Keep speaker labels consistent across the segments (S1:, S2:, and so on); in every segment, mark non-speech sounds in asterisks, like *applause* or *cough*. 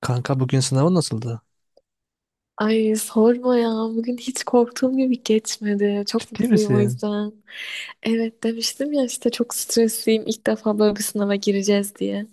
S1: Kanka bugün sınavın nasıldı?
S2: Ay sorma ya. Bugün hiç korktuğum gibi geçmedi. Çok
S1: Ciddi
S2: mutluyum o
S1: misin?
S2: yüzden. Evet demiştim ya işte çok stresliyim. İlk defa böyle bir sınava gireceğiz diye.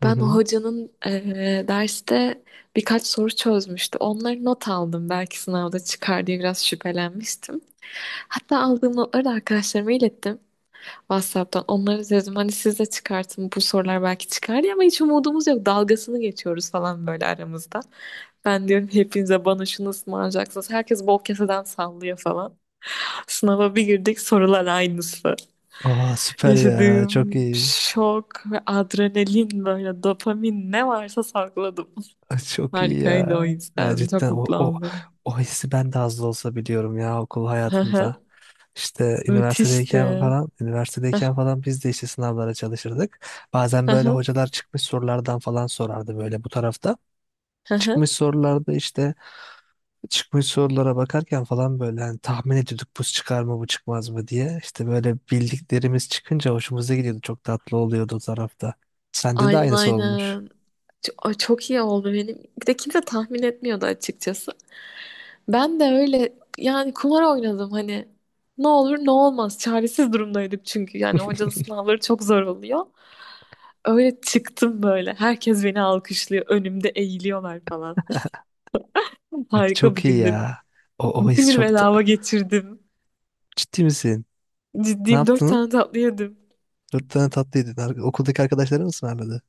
S1: Hı
S2: Ben o
S1: hı.
S2: hocanın derste birkaç soru çözmüştü. Onları not aldım. Belki sınavda çıkar diye biraz şüphelenmiştim. Hatta aldığım notları da arkadaşlarıma ilettim. WhatsApp'tan onları dedim, hani siz de çıkartın bu sorular belki çıkar diye, ama hiç umudumuz yok, dalgasını geçiyoruz falan böyle aramızda. Ben diyorum hepinize bana şunu ısmarlayacaksınız. Herkes bol keseden sallıyor falan. Sınava bir girdik, sorular aynısı.
S1: Aa süper ya. Çok
S2: Yaşadığım
S1: iyi.
S2: şok ve adrenalin, böyle dopamin ne varsa sakladım.
S1: Ay,
S2: *laughs*
S1: çok iyi
S2: Harikaydı, o
S1: ya. Ya
S2: yüzden çok
S1: cidden o,
S2: mutlu
S1: o,
S2: oldum.
S1: o hissi ben de az da olsa biliyorum ya okul
S2: Hı hı.
S1: hayatımda. İşte üniversitedeyken
S2: Müthişti.
S1: falan,
S2: Hı
S1: üniversitedeyken falan biz de işte sınavlara çalışırdık. Bazen böyle
S2: hı
S1: hocalar çıkmış sorulardan falan sorardı böyle bu tarafta.
S2: hı hı.
S1: Çıkmış sorularda işte Çıkmış sorulara bakarken falan böyle hani tahmin ediyorduk bu çıkar mı bu çıkmaz mı diye. İşte böyle bildiklerimiz çıkınca hoşumuza gidiyordu. Çok tatlı oluyordu o tarafta. Sende de
S2: Aynen
S1: aynısı olmuş.
S2: aynen. Ay çok iyi oldu benim. Bir de kimse tahmin etmiyordu açıkçası. Ben de öyle, yani kumar oynadım hani. Ne olur ne olmaz. Çaresiz durumdaydık çünkü. Yani hocanın sınavları çok zor oluyor. Öyle çıktım böyle. Herkes beni alkışlıyor. Önümde eğiliyorlar falan. *laughs*
S1: *laughs*
S2: Harika bir
S1: Çok iyi
S2: gündü.
S1: ya. O, o
S2: Bütün
S1: his
S2: gün
S1: çok ta-
S2: bedava geçirdim.
S1: Ciddi misin? Ne
S2: Ciddiyim, dört tane
S1: yaptın?
S2: tatlı yedim.
S1: Dört tane tatlıydı. Okuldaki arkadaşların mı ısmarladı?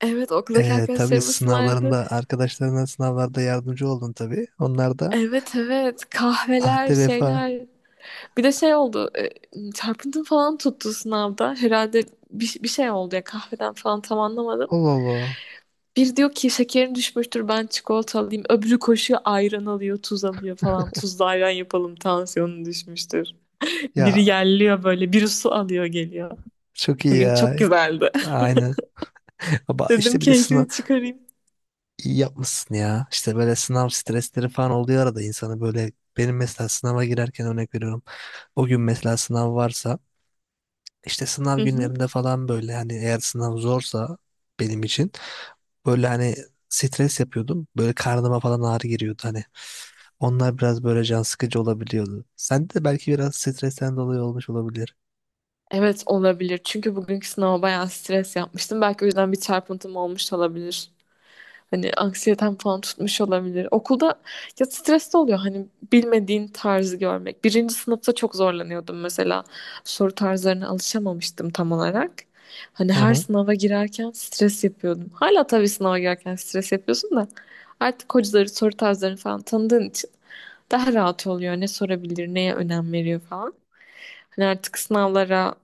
S2: Evet, okuldaki
S1: Tabii
S2: arkadaşlarım ısmarladı.
S1: sınavlarında arkadaşlarına sınavlarda yardımcı oldun tabii. Onlar da
S2: Evet evet, kahveler
S1: ahde vefa.
S2: şeyler. Bir de şey oldu. Çarpıntım falan tuttu sınavda. Herhalde bir şey oldu ya, kahveden falan tam anlamadım.
S1: Allah Allah.
S2: Bir diyor ki şekerin düşmüştür, ben çikolata alayım. Öbürü koşuyor, ayran alıyor, tuz alıyor falan. Tuzlu ayran yapalım, tansiyonun düşmüştür. Biri
S1: Ya
S2: yerliyor böyle, biri su alıyor geliyor.
S1: çok iyi
S2: Bugün
S1: ya.
S2: çok güzeldi.
S1: Aynen. *laughs* Ama
S2: *laughs* Dedim
S1: işte bir de sınav.
S2: keyfini çıkarayım.
S1: İyi yapmışsın ya. İşte böyle sınav stresleri falan oluyor arada insanı böyle benim mesela sınava girerken örnek veriyorum. O gün mesela sınav varsa işte sınav
S2: Hı hı.
S1: günlerinde falan böyle hani eğer sınav zorsa benim için böyle hani stres yapıyordum. Böyle karnıma falan ağrı giriyordu hani. Onlar biraz böyle can sıkıcı olabiliyordu. Sen de belki biraz stresten dolayı olmuş olabilir.
S2: Evet, olabilir. Çünkü bugünkü sınava bayağı stres yapmıştım. Belki o yüzden bir çarpıntım olmuş olabilir. Hani anksiyeten falan tutmuş olabilir. Okulda ya stres de oluyor hani bilmediğin tarzı görmek. Birinci sınıfta çok zorlanıyordum mesela. Soru tarzlarına alışamamıştım tam olarak. Hani her
S1: Aha hı.
S2: sınava girerken stres yapıyordum. Hala tabii sınava girerken stres yapıyorsun da artık hocaları, soru tarzlarını falan tanıdığın için daha rahat oluyor. Ne sorabilir, neye önem veriyor falan. Hani artık sınavlara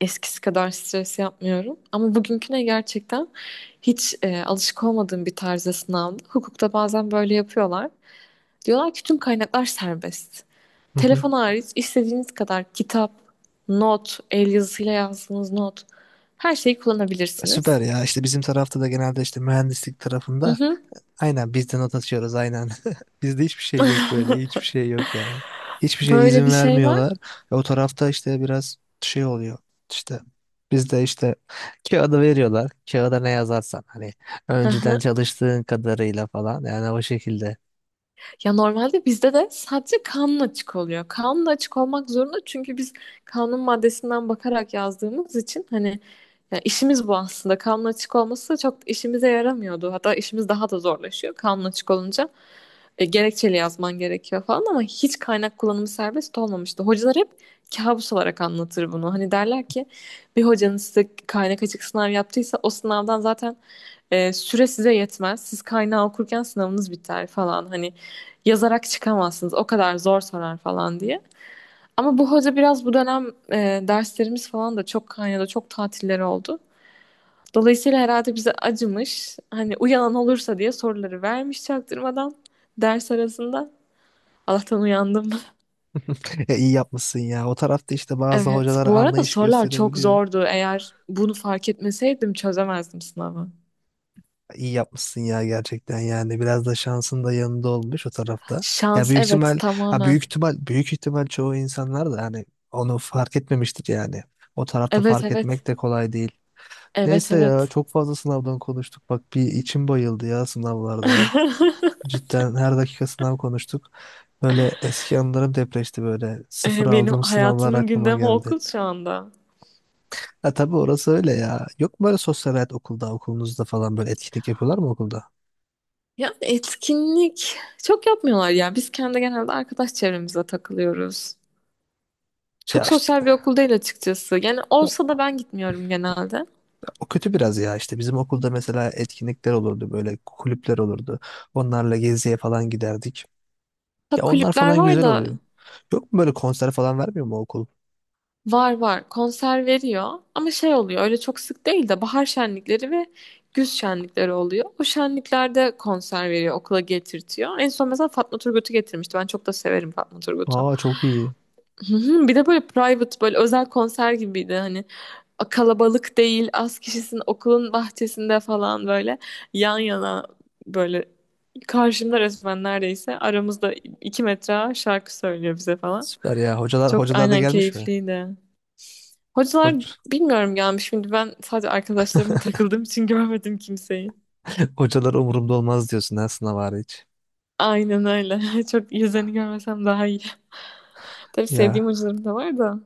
S2: eskisi kadar stres yapmıyorum. Ama bugünküne gerçekten hiç alışık olmadığım bir tarzda sınavdı. Hukukta bazen böyle yapıyorlar. Diyorlar ki tüm kaynaklar serbest.
S1: Hı hı.
S2: Telefon hariç istediğiniz kadar kitap, not, el yazısıyla yazdığınız not, her şeyi kullanabilirsiniz.
S1: Süper ya işte bizim tarafta da genelde işte mühendislik
S2: Hı
S1: tarafında.
S2: hı.
S1: Aynen biz de not atıyoruz aynen. *laughs* Bizde hiçbir şey yok böyle. Hiçbir şey yok yani. Hiçbir şeye
S2: Böyle
S1: izin
S2: bir şey var.
S1: vermiyorlar. O tarafta işte biraz şey oluyor. İşte bizde işte kağıdı veriyorlar. Kağıda ne yazarsan hani
S2: Hı
S1: önceden
S2: hı.
S1: çalıştığın kadarıyla falan yani o şekilde.
S2: Ya normalde bizde de sadece kanun açık oluyor. Kanun açık olmak zorunda, çünkü biz kanun maddesinden bakarak yazdığımız için hani, ya işimiz bu aslında. Kanun açık olması çok işimize yaramıyordu. Hatta işimiz daha da zorlaşıyor kanun açık olunca. Gerekçeli yazman gerekiyor falan, ama hiç kaynak kullanımı serbest olmamıştı. Hocalar hep kabus olarak anlatır bunu. Hani derler ki bir hocanız size kaynak açık sınav yaptıysa o sınavdan zaten süre size yetmez. Siz kaynağı okurken sınavınız biter falan. Hani yazarak çıkamazsınız. O kadar zor sorar falan diye. Ama bu hoca biraz, bu dönem derslerimiz falan da çok kaynadı, çok tatilleri oldu. Dolayısıyla herhalde bize acımış. Hani uyanan olursa diye soruları vermiş çaktırmadan ders arasında. Allah'tan uyandım. *laughs*
S1: *laughs* İyi yapmışsın ya. O tarafta işte bazı
S2: Evet,
S1: hocalar
S2: bu arada
S1: anlayış
S2: sorular çok
S1: gösterebiliyor.
S2: zordu. Eğer bunu fark etmeseydim çözemezdim sınavı.
S1: İyi yapmışsın ya gerçekten yani biraz da şansın da yanında olmuş o tarafta. Ya
S2: Şans,
S1: büyük
S2: evet,
S1: ihtimal ha
S2: tamamen.
S1: büyük ihtimal büyük ihtimal çoğu insanlar da hani onu fark etmemiştir yani. O tarafta
S2: Evet
S1: fark
S2: evet.
S1: etmek de kolay değil.
S2: Evet
S1: Neyse ya
S2: evet.
S1: çok fazla sınavdan konuştuk. Bak bir içim bayıldı ya sınavlardan. Cidden her dakika sınav konuştuk. Böyle eski anılarım depreşti böyle.
S2: *laughs*
S1: Sıfır
S2: Benim
S1: aldığım sınavlar
S2: hayatımın
S1: aklıma
S2: gündemi
S1: geldi.
S2: okul şu anda.
S1: Ha tabii orası öyle ya. Yok mu böyle sosyal hayat okulunuzda falan böyle etkinlik yapıyorlar mı okulda?
S2: Ya etkinlik çok yapmıyorlar ya. Biz kendi genelde arkadaş çevremize takılıyoruz.
S1: Ya
S2: Çok
S1: işte
S2: sosyal bir okul değil açıkçası. Yani olsa da ben gitmiyorum genelde.
S1: o kötü biraz ya işte bizim okulda mesela etkinlikler olurdu böyle kulüpler olurdu. Onlarla geziye falan giderdik. Ya
S2: Ha,
S1: onlar
S2: kulüpler
S1: falan
S2: var
S1: güzel
S2: da,
S1: oluyor. Yok mu böyle konser falan vermiyor mu okul?
S2: var var, konser veriyor ama şey oluyor, öyle çok sık değil de bahar şenlikleri ve güz şenlikleri oluyor. O şenliklerde konser veriyor, okula getirtiyor. En son mesela Fatma Turgut'u getirmişti. Ben çok da severim Fatma Turgut'u.
S1: Aa çok iyi.
S2: Hı hı. Bir de böyle private, böyle özel konser gibiydi hani. Kalabalık değil, az kişisin, okulun bahçesinde falan böyle yan yana, böyle karşımda resmen, neredeyse aramızda 2 metre şarkı söylüyor bize falan.
S1: Süper ya. Hocalar
S2: Çok
S1: hocalar da
S2: aynen
S1: gelmiş mi?
S2: keyifliydi. Hocalar
S1: Hoc
S2: bilmiyorum gelmiş, şimdi ben sadece arkadaşlarıma takıldığım için *laughs* görmedim kimseyi.
S1: *laughs* hocalar umurumda olmaz diyorsun ha sınav hariç.
S2: Aynen öyle. *laughs* Çok yüzlerini görmesem daha iyi. Tabii sevdiğim
S1: Ya
S2: hocalarım da var da.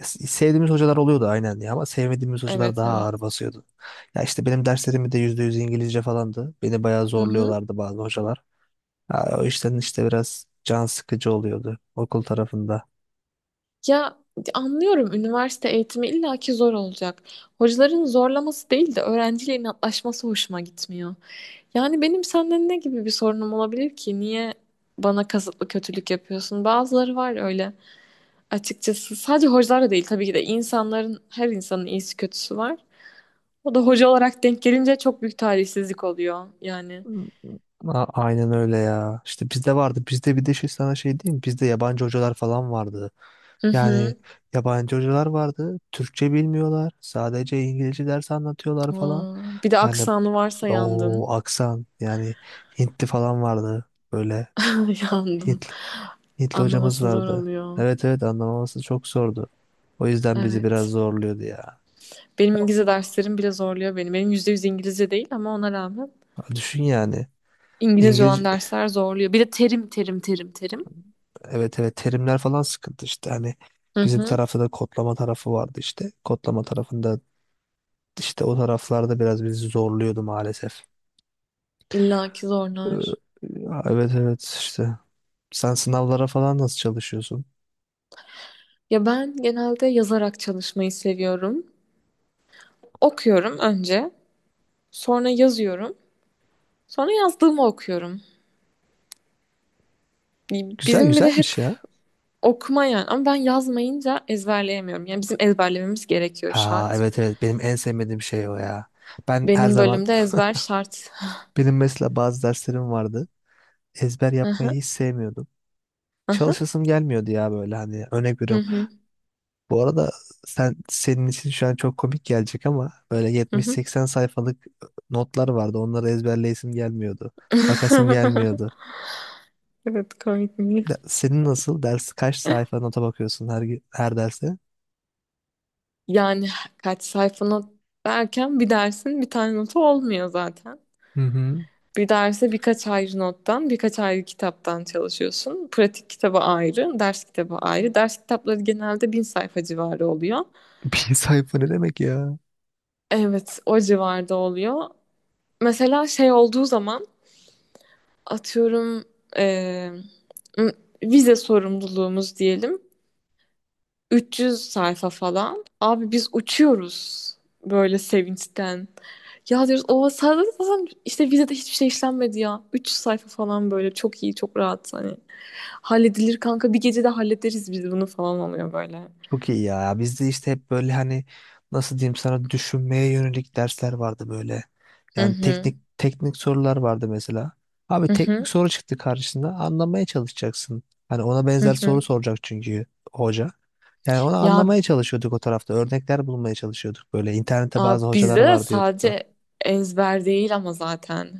S1: sevdiğimiz hocalar oluyordu aynen ya ama sevmediğimiz hocalar
S2: Evet
S1: daha
S2: evet.
S1: ağır basıyordu. Ya işte benim derslerim de %100 İngilizce falandı. Beni bayağı
S2: Hı hı.
S1: zorluyorlardı bazı hocalar. Ha, o işten işte biraz can sıkıcı oluyordu okul tarafında.
S2: Ya, anlıyorum, üniversite eğitimi illaki zor olacak. Hocaların zorlaması değil de öğrenciyle inatlaşması hoşuma gitmiyor. Yani benim senden ne gibi bir sorunum olabilir ki? Niye bana kasıtlı kötülük yapıyorsun? Bazıları var öyle. Açıkçası sadece hocalar da değil tabii ki de, insanların, her insanın iyisi kötüsü var. O da hoca olarak denk gelince çok büyük talihsizlik oluyor yani.
S1: Aynen öyle ya. İşte bizde vardı. Bizde bir de şey sana şey diyeyim mi? Bizde yabancı hocalar falan vardı.
S2: Hı
S1: Yani
S2: hı.
S1: yabancı hocalar vardı. Türkçe bilmiyorlar. Sadece İngilizce ders anlatıyorlar falan.
S2: Aa, bir de
S1: Yani
S2: aksanı varsa
S1: o
S2: yandın.
S1: aksan yani Hintli falan vardı. Böyle
S2: *laughs* Yandın.
S1: Hintli, Hintli hocamız
S2: Anlaması zor
S1: vardı.
S2: oluyor.
S1: Evet evet anlamaması çok zordu. O yüzden bizi biraz
S2: Evet.
S1: zorluyordu ya.
S2: Benim İngilizce derslerim bile zorluyor beni. Benim %100 İngilizce değil ama ona rağmen
S1: Ya düşün yani.
S2: İngilizce
S1: İngiliz
S2: olan dersler zorluyor. Bir de terim terim terim terim.
S1: Evet evet terimler falan sıkıntı işte. Hani
S2: Hı
S1: bizim
S2: hı.
S1: tarafta da kodlama tarafı vardı işte. Kodlama tarafında işte o taraflarda biraz bizi zorluyordu maalesef.
S2: İlla ki
S1: Ee,
S2: zorlar.
S1: evet evet işte. Sen sınavlara falan nasıl çalışıyorsun?
S2: Ya ben genelde yazarak çalışmayı seviyorum. Okuyorum önce, sonra yazıyorum, sonra yazdığımı okuyorum.
S1: Güzel
S2: Bizim bir de hep
S1: güzelmiş ya.
S2: okuma yani, ama ben yazmayınca ezberleyemiyorum. Yani bizim ezberlememiz gerekiyor,
S1: Ha
S2: şart.
S1: evet evet benim en sevmediğim şey o ya. Ben her
S2: Benim
S1: zaman.
S2: bölümde ezber şart.
S1: *laughs* Benim mesela bazı derslerim vardı. Ezber
S2: Hı
S1: yapmayı
S2: hı.
S1: hiç sevmiyordum.
S2: Hı
S1: Çalışasım gelmiyordu ya böyle hani örnek
S2: hı
S1: veriyorum.
S2: hı.
S1: Bu arada senin için şu an çok komik gelecek ama böyle
S2: Hı
S1: 70-80 sayfalık notlar vardı. Onları ezberleyesim gelmiyordu.
S2: *laughs*
S1: Bakasım
S2: hı.
S1: gelmiyordu.
S2: Evet, komik mi?
S1: Senin nasıl? Ders kaç sayfa nota bakıyorsun her derse?
S2: Yani kaç sayfa not derken, bir dersin bir tane notu olmuyor zaten.
S1: Hı hı.
S2: Bir derse birkaç ayrı nottan, birkaç ayrı kitaptan çalışıyorsun. Pratik kitabı ayrı, ders kitabı ayrı. Ders kitapları genelde 1.000 sayfa civarı oluyor.
S1: *laughs* Bir sayfa ne demek ya?
S2: Evet, o civarda oluyor. Mesela şey olduğu zaman atıyorum eee, m- vize sorumluluğumuz diyelim. 300 sayfa falan. Abi biz uçuyoruz böyle sevinçten. Ya diyoruz, o sadece zaten, işte vizede hiçbir şey işlenmedi ya. 300 sayfa falan, böyle çok iyi, çok rahat hani. Halledilir kanka, bir gecede hallederiz biz bunu falan oluyor böyle.
S1: Çok iyi ya. Bizde işte hep böyle hani nasıl diyeyim sana düşünmeye yönelik dersler vardı böyle.
S2: Hı
S1: Yani
S2: hı
S1: teknik teknik sorular vardı mesela. Abi
S2: hı
S1: teknik
S2: hı
S1: soru çıktı karşısında anlamaya çalışacaksın. Hani ona
S2: hı.
S1: benzer
S2: Hı.
S1: soru soracak çünkü hoca. Yani onu
S2: Ya
S1: anlamaya çalışıyorduk o tarafta. Örnekler bulmaya çalışıyorduk böyle. İnternette
S2: abi,
S1: bazı hocalar
S2: bizde de
S1: vardı YouTube'da.
S2: sadece ezber değil ama zaten.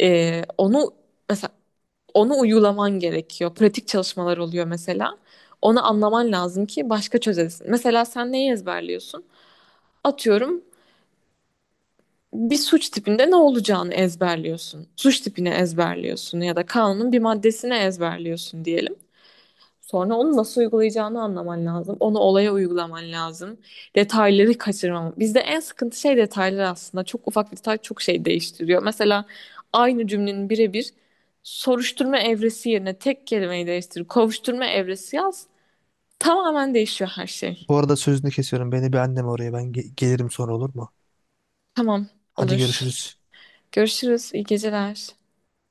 S2: Onu mesela, onu uygulaman gerekiyor. Pratik çalışmalar oluyor mesela. Onu anlaman lazım ki başka çözesin. Mesela sen neyi ezberliyorsun? Atıyorum bir suç tipinde ne olacağını ezberliyorsun. Suç tipini ezberliyorsun ya da kanunun bir maddesini ezberliyorsun diyelim. Sonra onu nasıl uygulayacağını anlaman lazım. Onu olaya uygulaman lazım. Detayları kaçırmam. Bizde en sıkıntı şey detaylar aslında. Çok ufak bir detay çok şey değiştiriyor. Mesela aynı cümlenin birebir soruşturma evresi yerine tek kelimeyi değiştir. Kovuşturma evresi yaz. Tamamen değişiyor her şey.
S1: Bu arada sözünü kesiyorum. Beni bir annem oraya. Ben gelirim sonra olur mu?
S2: Tamam,
S1: Hadi
S2: olur.
S1: görüşürüz.
S2: Görüşürüz. İyi geceler.